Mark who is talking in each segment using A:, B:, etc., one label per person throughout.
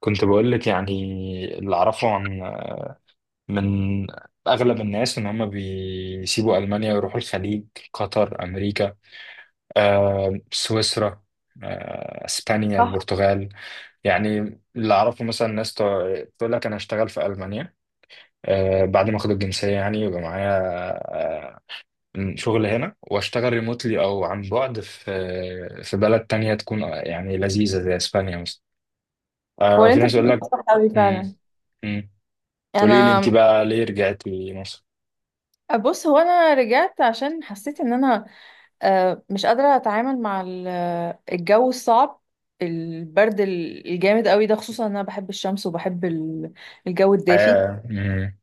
A: كنت بقول لك، يعني اللي اعرفه عن، من اغلب الناس ان هم بيسيبوا المانيا ويروحوا الخليج، قطر، امريكا، سويسرا، اسبانيا،
B: صح.
A: البرتغال. يعني اللي اعرفه مثلا ناس تقول لك انا هشتغل في المانيا، بعد ما اخد الجنسيه يعني يبقى معايا آه، شغل هنا واشتغل ريموتلي او عن بعد في بلد تانية تكون يعني لذيذه زي اسبانيا مثلا.
B: هو اللي
A: وفي
B: انت
A: ناس يقول
B: بتقوله
A: لك.
B: ده صح قوي فعلا.
A: مم،
B: يعني
A: قولي لي انت
B: انا،
A: بقى ليه رجعتي مصر؟
B: بص، هو انا رجعت عشان حسيت ان انا مش قادره اتعامل مع الجو الصعب، البرد الجامد قوي ده، خصوصا ان انا بحب الشمس وبحب الجو الدافي.
A: حياة. مم.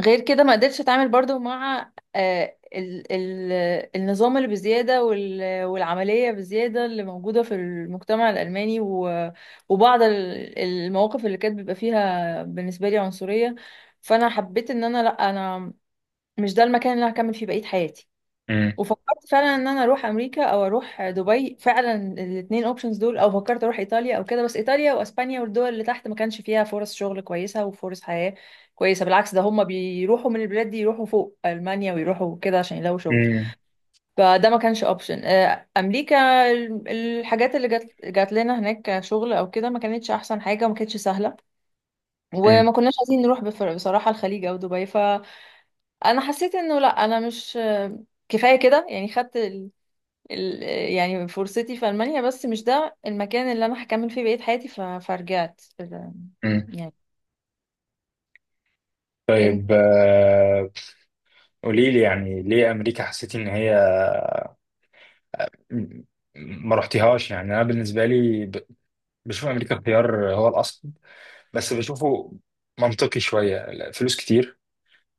B: غير كده ما قدرتش اتعامل برضو مع آه، ال ال النظام اللي بزيادة والعملية بزيادة اللي موجودة في المجتمع الألماني وبعض المواقف اللي كانت بيبقى فيها بالنسبة لي عنصرية. فأنا حبيت إن أنا، لأ، أنا مش ده المكان اللي أنا هكمل فيه بقية حياتي.
A: مم.
B: وفكرت فعلا ان انا اروح امريكا او اروح دبي، فعلا الاثنين اوبشنز دول، او فكرت اروح ايطاليا او كده. بس ايطاليا واسبانيا والدول اللي تحت ما كانش فيها فرص شغل كويسه وفرص حياه كويسه، بالعكس ده هم بيروحوا من البلاد دي يروحوا فوق المانيا ويروحوا كده عشان يلاقوا شغل.
A: مم.
B: فده ما كانش اوبشن. امريكا، الحاجات اللي جات لنا هناك كشغل او كده ما كانتش احسن حاجه وما كانتش سهله،
A: مم.
B: وما كناش عايزين نروح بصراحه الخليج او دبي. فانا حسيت انه لا، انا مش كفايه كده يعني. خدت ال- يعني فرصتي في ألمانيا، بس مش ده المكان اللي أنا هكمل فيه بقية حياتي. فرجعت
A: مم.
B: يعني. أنت-
A: طيب، قولي لي يعني ليه امريكا حسيتي ان هي م- ما رحتيهاش؟ يعني انا بالنسبه لي بشوف امريكا الخيار هو الاصل، بس بشوفه منطقي شويه، فلوس كتير،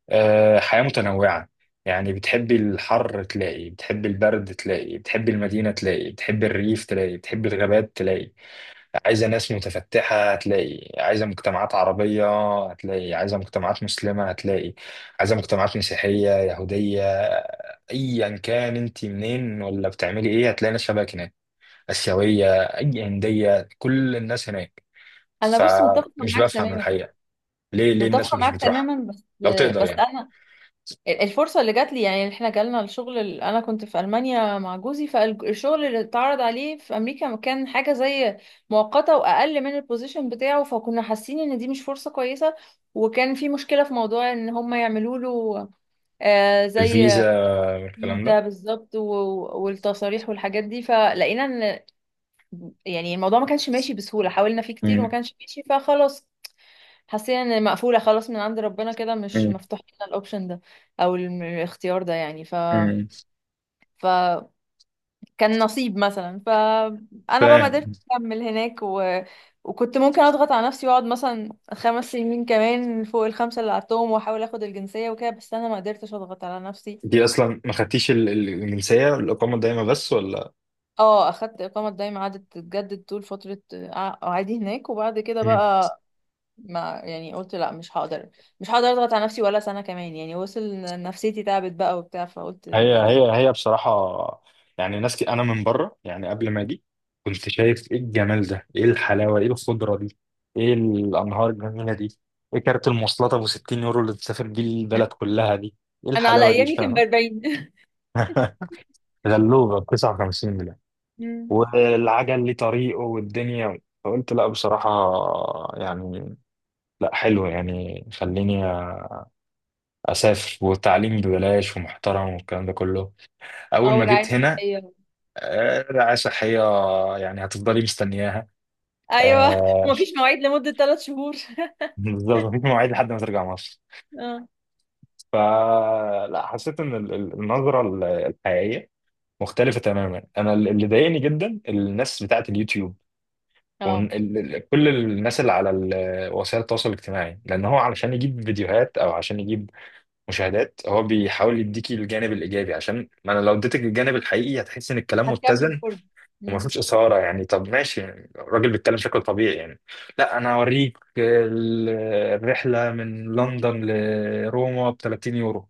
A: حياه متنوعه. يعني بتحبي الحر تلاقي، بتحبي البرد تلاقي، بتحبي المدينه تلاقي، بتحبي الريف تلاقي، بتحبي الغابات تلاقي. عايزة ناس متفتحة هتلاقي، عايزة مجتمعات عربية هتلاقي، عايزة مجتمعات مسلمة هتلاقي، عايزة مجتمعات مسيحية يهودية. أيا كان أنت منين، ولا بتعملي إيه، هتلاقي ناس شبهك هناك، آسيوية، أي هندية، كل الناس هناك.
B: أنا، بص، متفقة
A: فمش
B: معاك
A: بفهم
B: تماما.
A: الحقيقة، ليه الناس
B: متفقة
A: مش
B: معاك
A: بتروح؟
B: تماما بس،
A: لو تقدر
B: بس
A: يعني،
B: أنا الفرصة اللي جات لي، يعني إحنا جالنا الشغل، أنا كنت في ألمانيا مع جوزي، فالشغل اللي اتعرض عليه في أمريكا كان حاجة زي مؤقتة وأقل من البوزيشن بتاعه، فكنا حاسين إن دي مش فرصة كويسة. وكان في مشكلة في موضوع إن هم يعملوا له زي
A: الفيزا والكلام ده.
B: فيزا بالظبط والتصاريح والحاجات دي. فلقينا ان يعني الموضوع ما كانش ماشي بسهولة، حاولنا فيه كتير وما
A: مم.
B: كانش ماشي، فخلاص حسينا ان مقفولة خلاص من عند ربنا كده، مش
A: مم.
B: مفتوح لنا الاوبشن ده او الاختيار ده يعني. ف
A: مم.
B: فكان نصيب مثلا. فانا بقى ما قدرت
A: فاهم.
B: اكمل هناك وكنت ممكن اضغط على نفسي واقعد مثلا 5 سنين كمان فوق الخمسة اللي قعدتهم واحاول اخد الجنسية وكده، بس انا ما قدرتش اضغط على نفسي.
A: دي أصلا ما خدتيش الجنسية، الإقامة الدائمة بس، ولا؟
B: اه، اخدت اقامه دايما، قعدت تتجدد طول فتره قعدي هناك، وبعد كده بقى ما يعني، قلت لا، مش هقدر اضغط على نفسي ولا سنه كمان يعني. وصل إن نفسيتي تعبت بقى وبتاع، فقلت
A: هي
B: يعني.
A: هي هي بصراحة يعني، ناس كي أنا من بره، يعني قبل ما أجي كنت شايف إيه الجمال ده، إيه الحلاوة، إيه الخضرة دي، إيه الأنهار الجميلة دي، إيه كارت المواصلات أبو 60 يورو اللي تسافر بيه البلد كلها دي، إيه
B: انا على
A: الحلاوة دي،
B: ايامي كان ب
A: فاهم؟
B: 40
A: غلوبة ب 59 جنيه.
B: مم.
A: والعجل ليه طريقه والدنيا، فقلت لا بصراحة، يعني لا حلو، يعني خليني أسافر، والتعليم ببلاش ومحترم والكلام ده كله. أول
B: او
A: ما
B: رعايه
A: جيت هنا،
B: صحيه.
A: رعاية صحية، يعني هتفضلي مستنياها.
B: ايوه
A: آه،
B: ومفيش مواعيد لمده 3 شهور
A: بالظبط، مفيش مواعيد لحد ما ترجع مصر.
B: اه.
A: فلا، حسيت ان النظرة الحقيقية مختلفة تماما. انا اللي ضايقني جدا الناس بتاعة اليوتيوب،
B: اه،
A: وكل الناس اللي على وسائل التواصل الاجتماعي، لان هو علشان يجيب فيديوهات او عشان يجيب مشاهدات هو بيحاول يديكي الجانب الايجابي. عشان ما انا لو اديتك الجانب الحقيقي هتحس ان
B: مش
A: الكلام
B: هتكمل
A: متزن
B: فرجه.
A: وما
B: مم.
A: فيهوش إثارة. يعني طب ماشي، يعني الراجل بيتكلم شكل طبيعي، يعني لا أنا هوريك الرحلة من لندن لروما ب 30 يورو،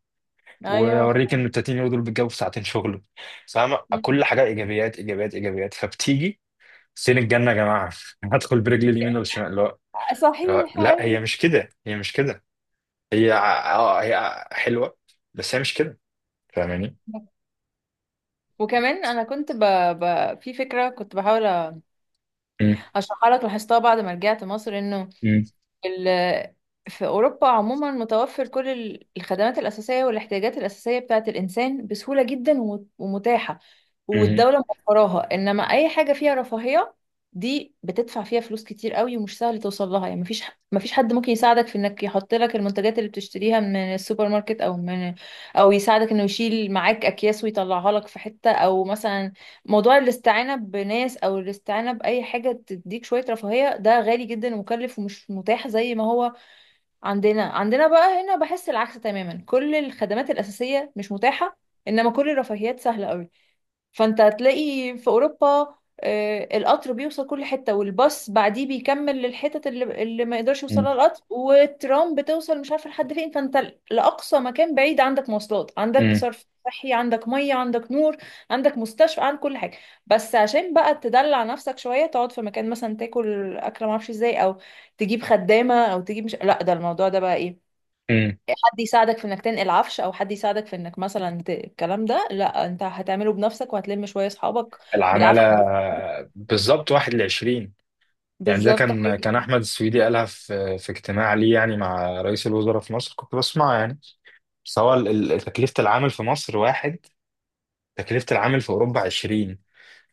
B: ايوه
A: وأوريك إن ال 30 يورو دول بيتجابوا في ساعتين شغل، فاهم؟
B: مم.
A: كل حاجة إيجابيات، إيجابيات، إيجابيات، فبتيجي سين الجنة يا جماعة. هدخل برجلي اليمين ولا الشمال؟ لا
B: صحيح،
A: لا، هي
B: أيوة.
A: مش كده، هي مش كده، هي هي حلوة، بس هي مش كده، فاهماني؟
B: وكمان انا كنت في فكره، كنت بحاول
A: مم.
B: هشرحها لك، لاحظتها بعد ما رجعت مصر، انه
A: مم.
B: ال- في اوروبا عموما متوفر كل الخدمات الاساسيه والاحتياجات الاساسيه بتاعه الانسان بسهوله جدا ومتاحه
A: مم.
B: والدوله موفراها، انما اي حاجه فيها رفاهيه دي بتدفع فيها فلوس كتير قوي ومش سهل توصل لها. يعني مفيش مفيش حد ممكن يساعدك في انك يحط لك المنتجات اللي بتشتريها من السوبر ماركت او من، او يساعدك انه يشيل معاك اكياس ويطلعها لك في حته، او مثلا موضوع الاستعانة بناس أو الاستعانة بأي حاجة تديك شوية رفاهية، ده غالي جدا ومكلف ومش متاح زي ما هو عندنا بقى. هنا بحس العكس تماما، كل الخدمات الأساسية مش متاحة، إنما كل الرفاهيات سهلة أوي. فانت هتلاقي في اوروبا القطر بيوصل كل حته، والباص بعديه بيكمل للحتت اللي ما يقدرش يوصلها القطر، والترام بتوصل مش عارفه لحد فين. فانت لاقصى مكان بعيد عندك مواصلات، عندك
A: مم.
B: صرف صحي، عندك ميه، عندك نور، عندك مستشفى، عندك كل حاجه. بس عشان بقى تدلع نفسك شويه، تقعد في مكان مثلا تاكل اكله ما اعرفش ازاي، او تجيب خدامه، او تجيب مش، لا ده الموضوع ده بقى ايه،
A: مم.
B: حد يساعدك في انك تنقل عفش، او حد يساعدك في انك مثلا الكلام ده لا، انت هتعمله بنفسك وهتلم شويه اصحابك
A: العمالة،
B: بالعافيه.
A: بالظبط، واحد لعشرين. يعني ده
B: بالظبط
A: كان
B: حاجه،
A: كان أحمد السويدي قالها في اجتماع ليه يعني مع رئيس الوزراء في مصر، كنت بسمع يعني. بس هو تكلفة العامل في مصر واحد، تكلفة العامل في أوروبا عشرين.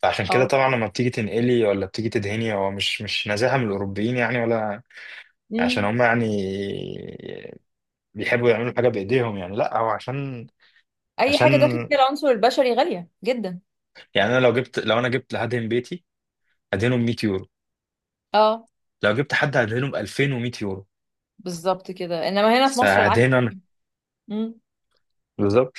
A: فعشان كده
B: اه،
A: طبعا لما بتيجي تنقلي ولا بتيجي تدهني، هو مش نزاهة من الأوروبيين يعني، ولا عشان
B: امم.
A: هم يعني بيحبوا يعملوا حاجة بإيديهم. يعني لا، هو عشان
B: اي حاجه
A: عشان
B: داخل فيها العنصر البشري غاليه جدا.
A: يعني أنا لو جبت، لو أنا جبت هدهن بيتي هدهنه ب 100 يورو،
B: اه،
A: لو جبت حد هدهنه ب 2100 يورو.
B: بالظبط كده، انما هنا في مصر العكس.
A: فهدينا انا
B: امم.
A: بالظبط.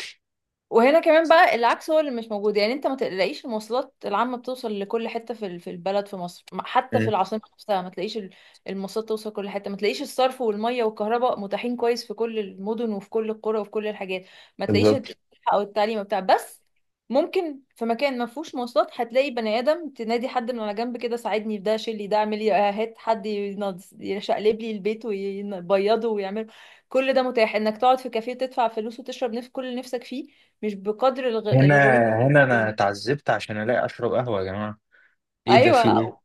B: وهنا كمان بقى العكس هو اللي مش موجود، يعني انت ما تلاقيش المواصلات العامة بتوصل لكل حتة في في البلد في مصر، حتى في
A: مم.
B: العاصمة نفسها ما تلاقيش المواصلات توصل كل حتة، ما تلاقيش الصرف والمية والكهرباء متاحين كويس في كل المدن وفي كل القرى وفي كل الحاجات، ما تلاقيش
A: بالظبط.
B: او التعليم بتاع. بس ممكن في مكان ما فيهوش مواصلات هتلاقي بني ادم تنادي حد من على جنب كده: ساعدني في ده، شيل لي ده، اعمل لي، هات حد يشقلب لي البيت ويبيضه ويعمل. كل ده متاح، انك تقعد في كافيه تدفع فلوس وتشرب نف كل اللي نفسك فيه، مش بقدر
A: هنا
B: الغلو.
A: هنا انا اتعذبت عشان الاقي اشرب قهوه يا جماعه، ايه ده، في ايه؟
B: ايوه،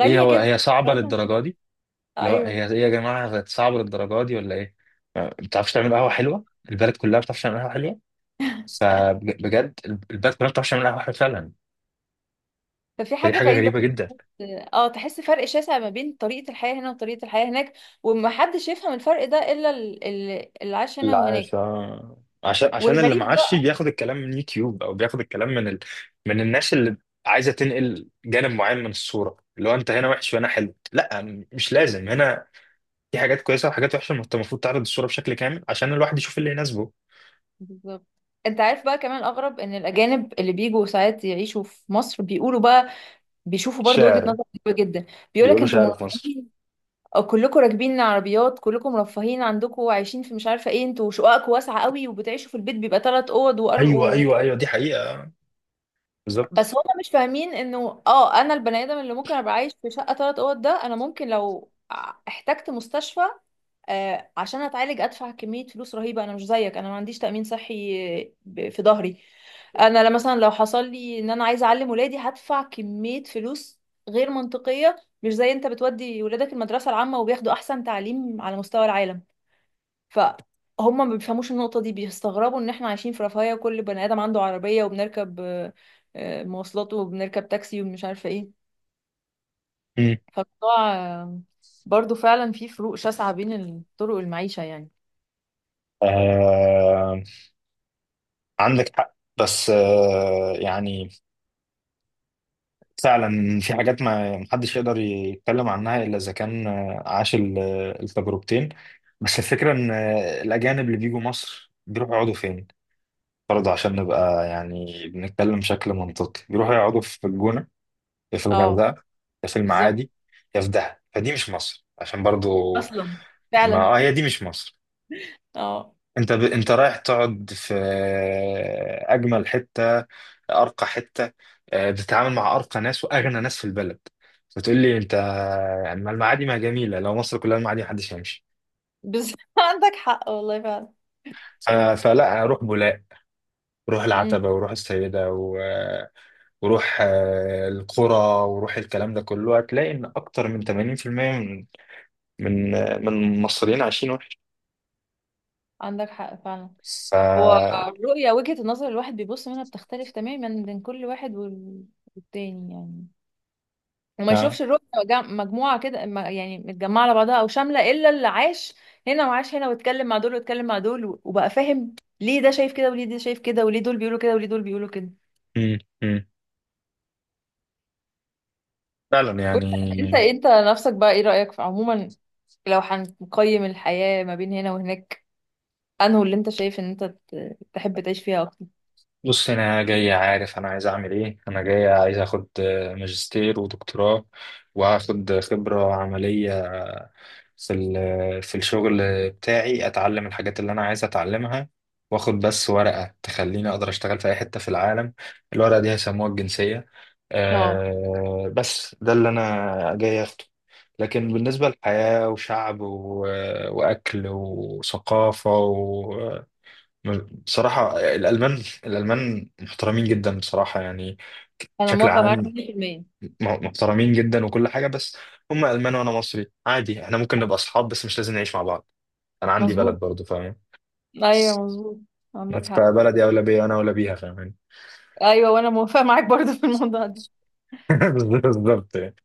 A: ايه، هو
B: جدا.
A: هي صعبه
B: مقارنة-
A: للدرجه دي؟ اللي هو
B: ايوه،
A: هي ايه يا جماعه، بقت صعبه للدرجه دي، ولا ايه؟ ما بتعرفش تعمل قهوه حلوه، البلد كلها ما بتعرفش تعمل قهوه حلوه، فبجد البلد كلها ما بتعرفش تعمل قهوه حلوه فعلا،
B: ففي
A: فدي
B: حاجة
A: حاجه
B: غريبة.
A: غريبه جدا.
B: اه، تحس فرق شاسع ما بين طريقة الحياة هنا وطريقة الحياة هناك، ومحدش يفهم الفرق ده إلا اللي عاش
A: اللي
B: هنا وهناك.
A: عايش، اه، عشان اللي
B: والغريب
A: معاشي
B: بقى،
A: بياخد الكلام من يوتيوب، او بياخد الكلام من من الناس اللي عايزه تنقل جانب معين من الصوره، اللي هو انت هنا وحش وهنا حلو. لا، مش لازم، هنا في حاجات كويسه وحاجات وحشه، ما انت المفروض تعرض الصوره بشكل كامل عشان الواحد يشوف اللي يناسبه.
B: بالظبط. انت عارف بقى كمان الأغرب، ان الأجانب اللي بيجوا ساعات يعيشوا في مصر بيقولوا بقى، بيشوفوا برضو وجهة
A: شاعر،
B: نظر غريبة جدا. بيقولك
A: بيقولوا
B: انتوا
A: شاعر في مصر.
B: مرحبين، أو كلكم راكبين عربيات، كلكم رفاهين عندكم وعايشين في مش عارفه ايه، انتوا شققكم واسعه قوي وبتعيشوا في البيت بيبقى 3 اوض
A: ايوه، ايوه، ايوه، دي حقيقه،
B: بس
A: بالظبط.
B: هما مش فاهمين انه، اه، انا البني ادم اللي ممكن ابقى عايش في شقه 3 اوض ده، انا ممكن لو احتجت مستشفى آه عشان اتعالج ادفع كميه فلوس رهيبه. انا مش زيك، انا ما عنديش تامين صحي في ظهري. انا مثلا لو حصل لي ان انا عايزه اعلم ولادي هدفع كميه فلوس غير منطقيه، مش زي انت بتودي ولادك المدرسة العامة وبياخدوا احسن تعليم على مستوى العالم. فهم ما بيفهموش النقطة دي، بيستغربوا ان احنا عايشين في رفاهية وكل بني ادم عنده عربية، وبنركب مواصلات وبنركب تاكسي ومش عارفة ايه.
A: مم.
B: فالموضوع برضو فعلا في فروق شاسعة بين طرق المعيشة يعني.
A: آه... عندك حق بس يعني فعلا في حاجات ما محدش يقدر يتكلم عنها الا اذا كان عاش التجربتين. بس الفكره ان الاجانب اللي بيجوا مصر بيروحوا يقعدوا فين؟ برضه عشان نبقى يعني بنتكلم بشكل منطقي، بيروحوا يقعدوا في الجونه، يا في
B: اه،
A: الغردقه، يا في
B: بالظبط.
A: المعادي، يا في دهب، فدي مش مصر. عشان برضه،
B: اصلا
A: ما
B: فعلا.
A: آه هي دي مش مصر.
B: اه،
A: انت انت رايح تقعد في اجمل حته، ارقى حته، بتتعامل مع ارقى ناس واغنى ناس في البلد. فتقول لي انت يعني، ما المعادي ما جميله، لو مصر كلها المعادي محدش هيمشي.
B: بالظبط عندك حق والله فعلا.
A: فلا، اروح بولاق، روح
B: امم.
A: العتبه، وروح السيده، وروح القرى، وروح الكلام ده كله، هتلاقي ان اكتر من 80% من من المصريين عايشين وحش.
B: عندك حق فعلا.
A: ف
B: هو
A: آه،
B: الرؤية، وجهة النظر الواحد بيبص منها بتختلف تماما بين كل واحد والتاني يعني، وما يشوفش الرؤية مجموعة كده، يعني متجمعة على بعضها أو شاملة، إلا اللي عاش هنا وعاش هنا، واتكلم مع دول واتكلم مع دول، وبقى فاهم ليه ده شايف كده وليه ده شايف كده وليه دول بيقولوا كده وليه دول بيقولوا كده.
A: مم، مم. فعلا
B: وانت،
A: يعني.
B: انت نفسك بقى ايه رأيك في عموما، لو هنقيم الحياة ما بين هنا وهناك، انه اللي انت شايف ان انت تحب تعيش فيها اكتر.
A: بص انا جاي عارف انا عايز اعمل ايه، انا جاي عايز اخد ماجستير ودكتوراه، واخد خبرة عملية في في الشغل بتاعي، اتعلم الحاجات اللي انا عايز اتعلمها، واخد بس ورقة تخليني اقدر اشتغل في اي حتة في العالم. الورقة دي هيسموها الجنسية.
B: اه،
A: أه، بس ده اللي انا جاي اخده. لكن بالنسبة للحياة، وشعب، وأكل، وثقافة، بصراحة الألمان محترمين جدا بصراحة يعني،
B: انا
A: بشكل
B: موافقة
A: عام
B: معاك 100%.
A: محترمين جدا وكل حاجة. بس هم ألمان وأنا مصري عادي، احنا ممكن نبقى أصحاب بس مش لازم نعيش مع بعض. أنا عندي
B: مظبوط،
A: بلد برضه، فاهم؟
B: ايوه مظبوط. عندك
A: بس
B: حق.
A: فبلدي أولى بيا وأنا أولى بيها، فاهم؟
B: ايوه، وانا موافقة معاك برضو في الموضوع ده.
A: بالظبط.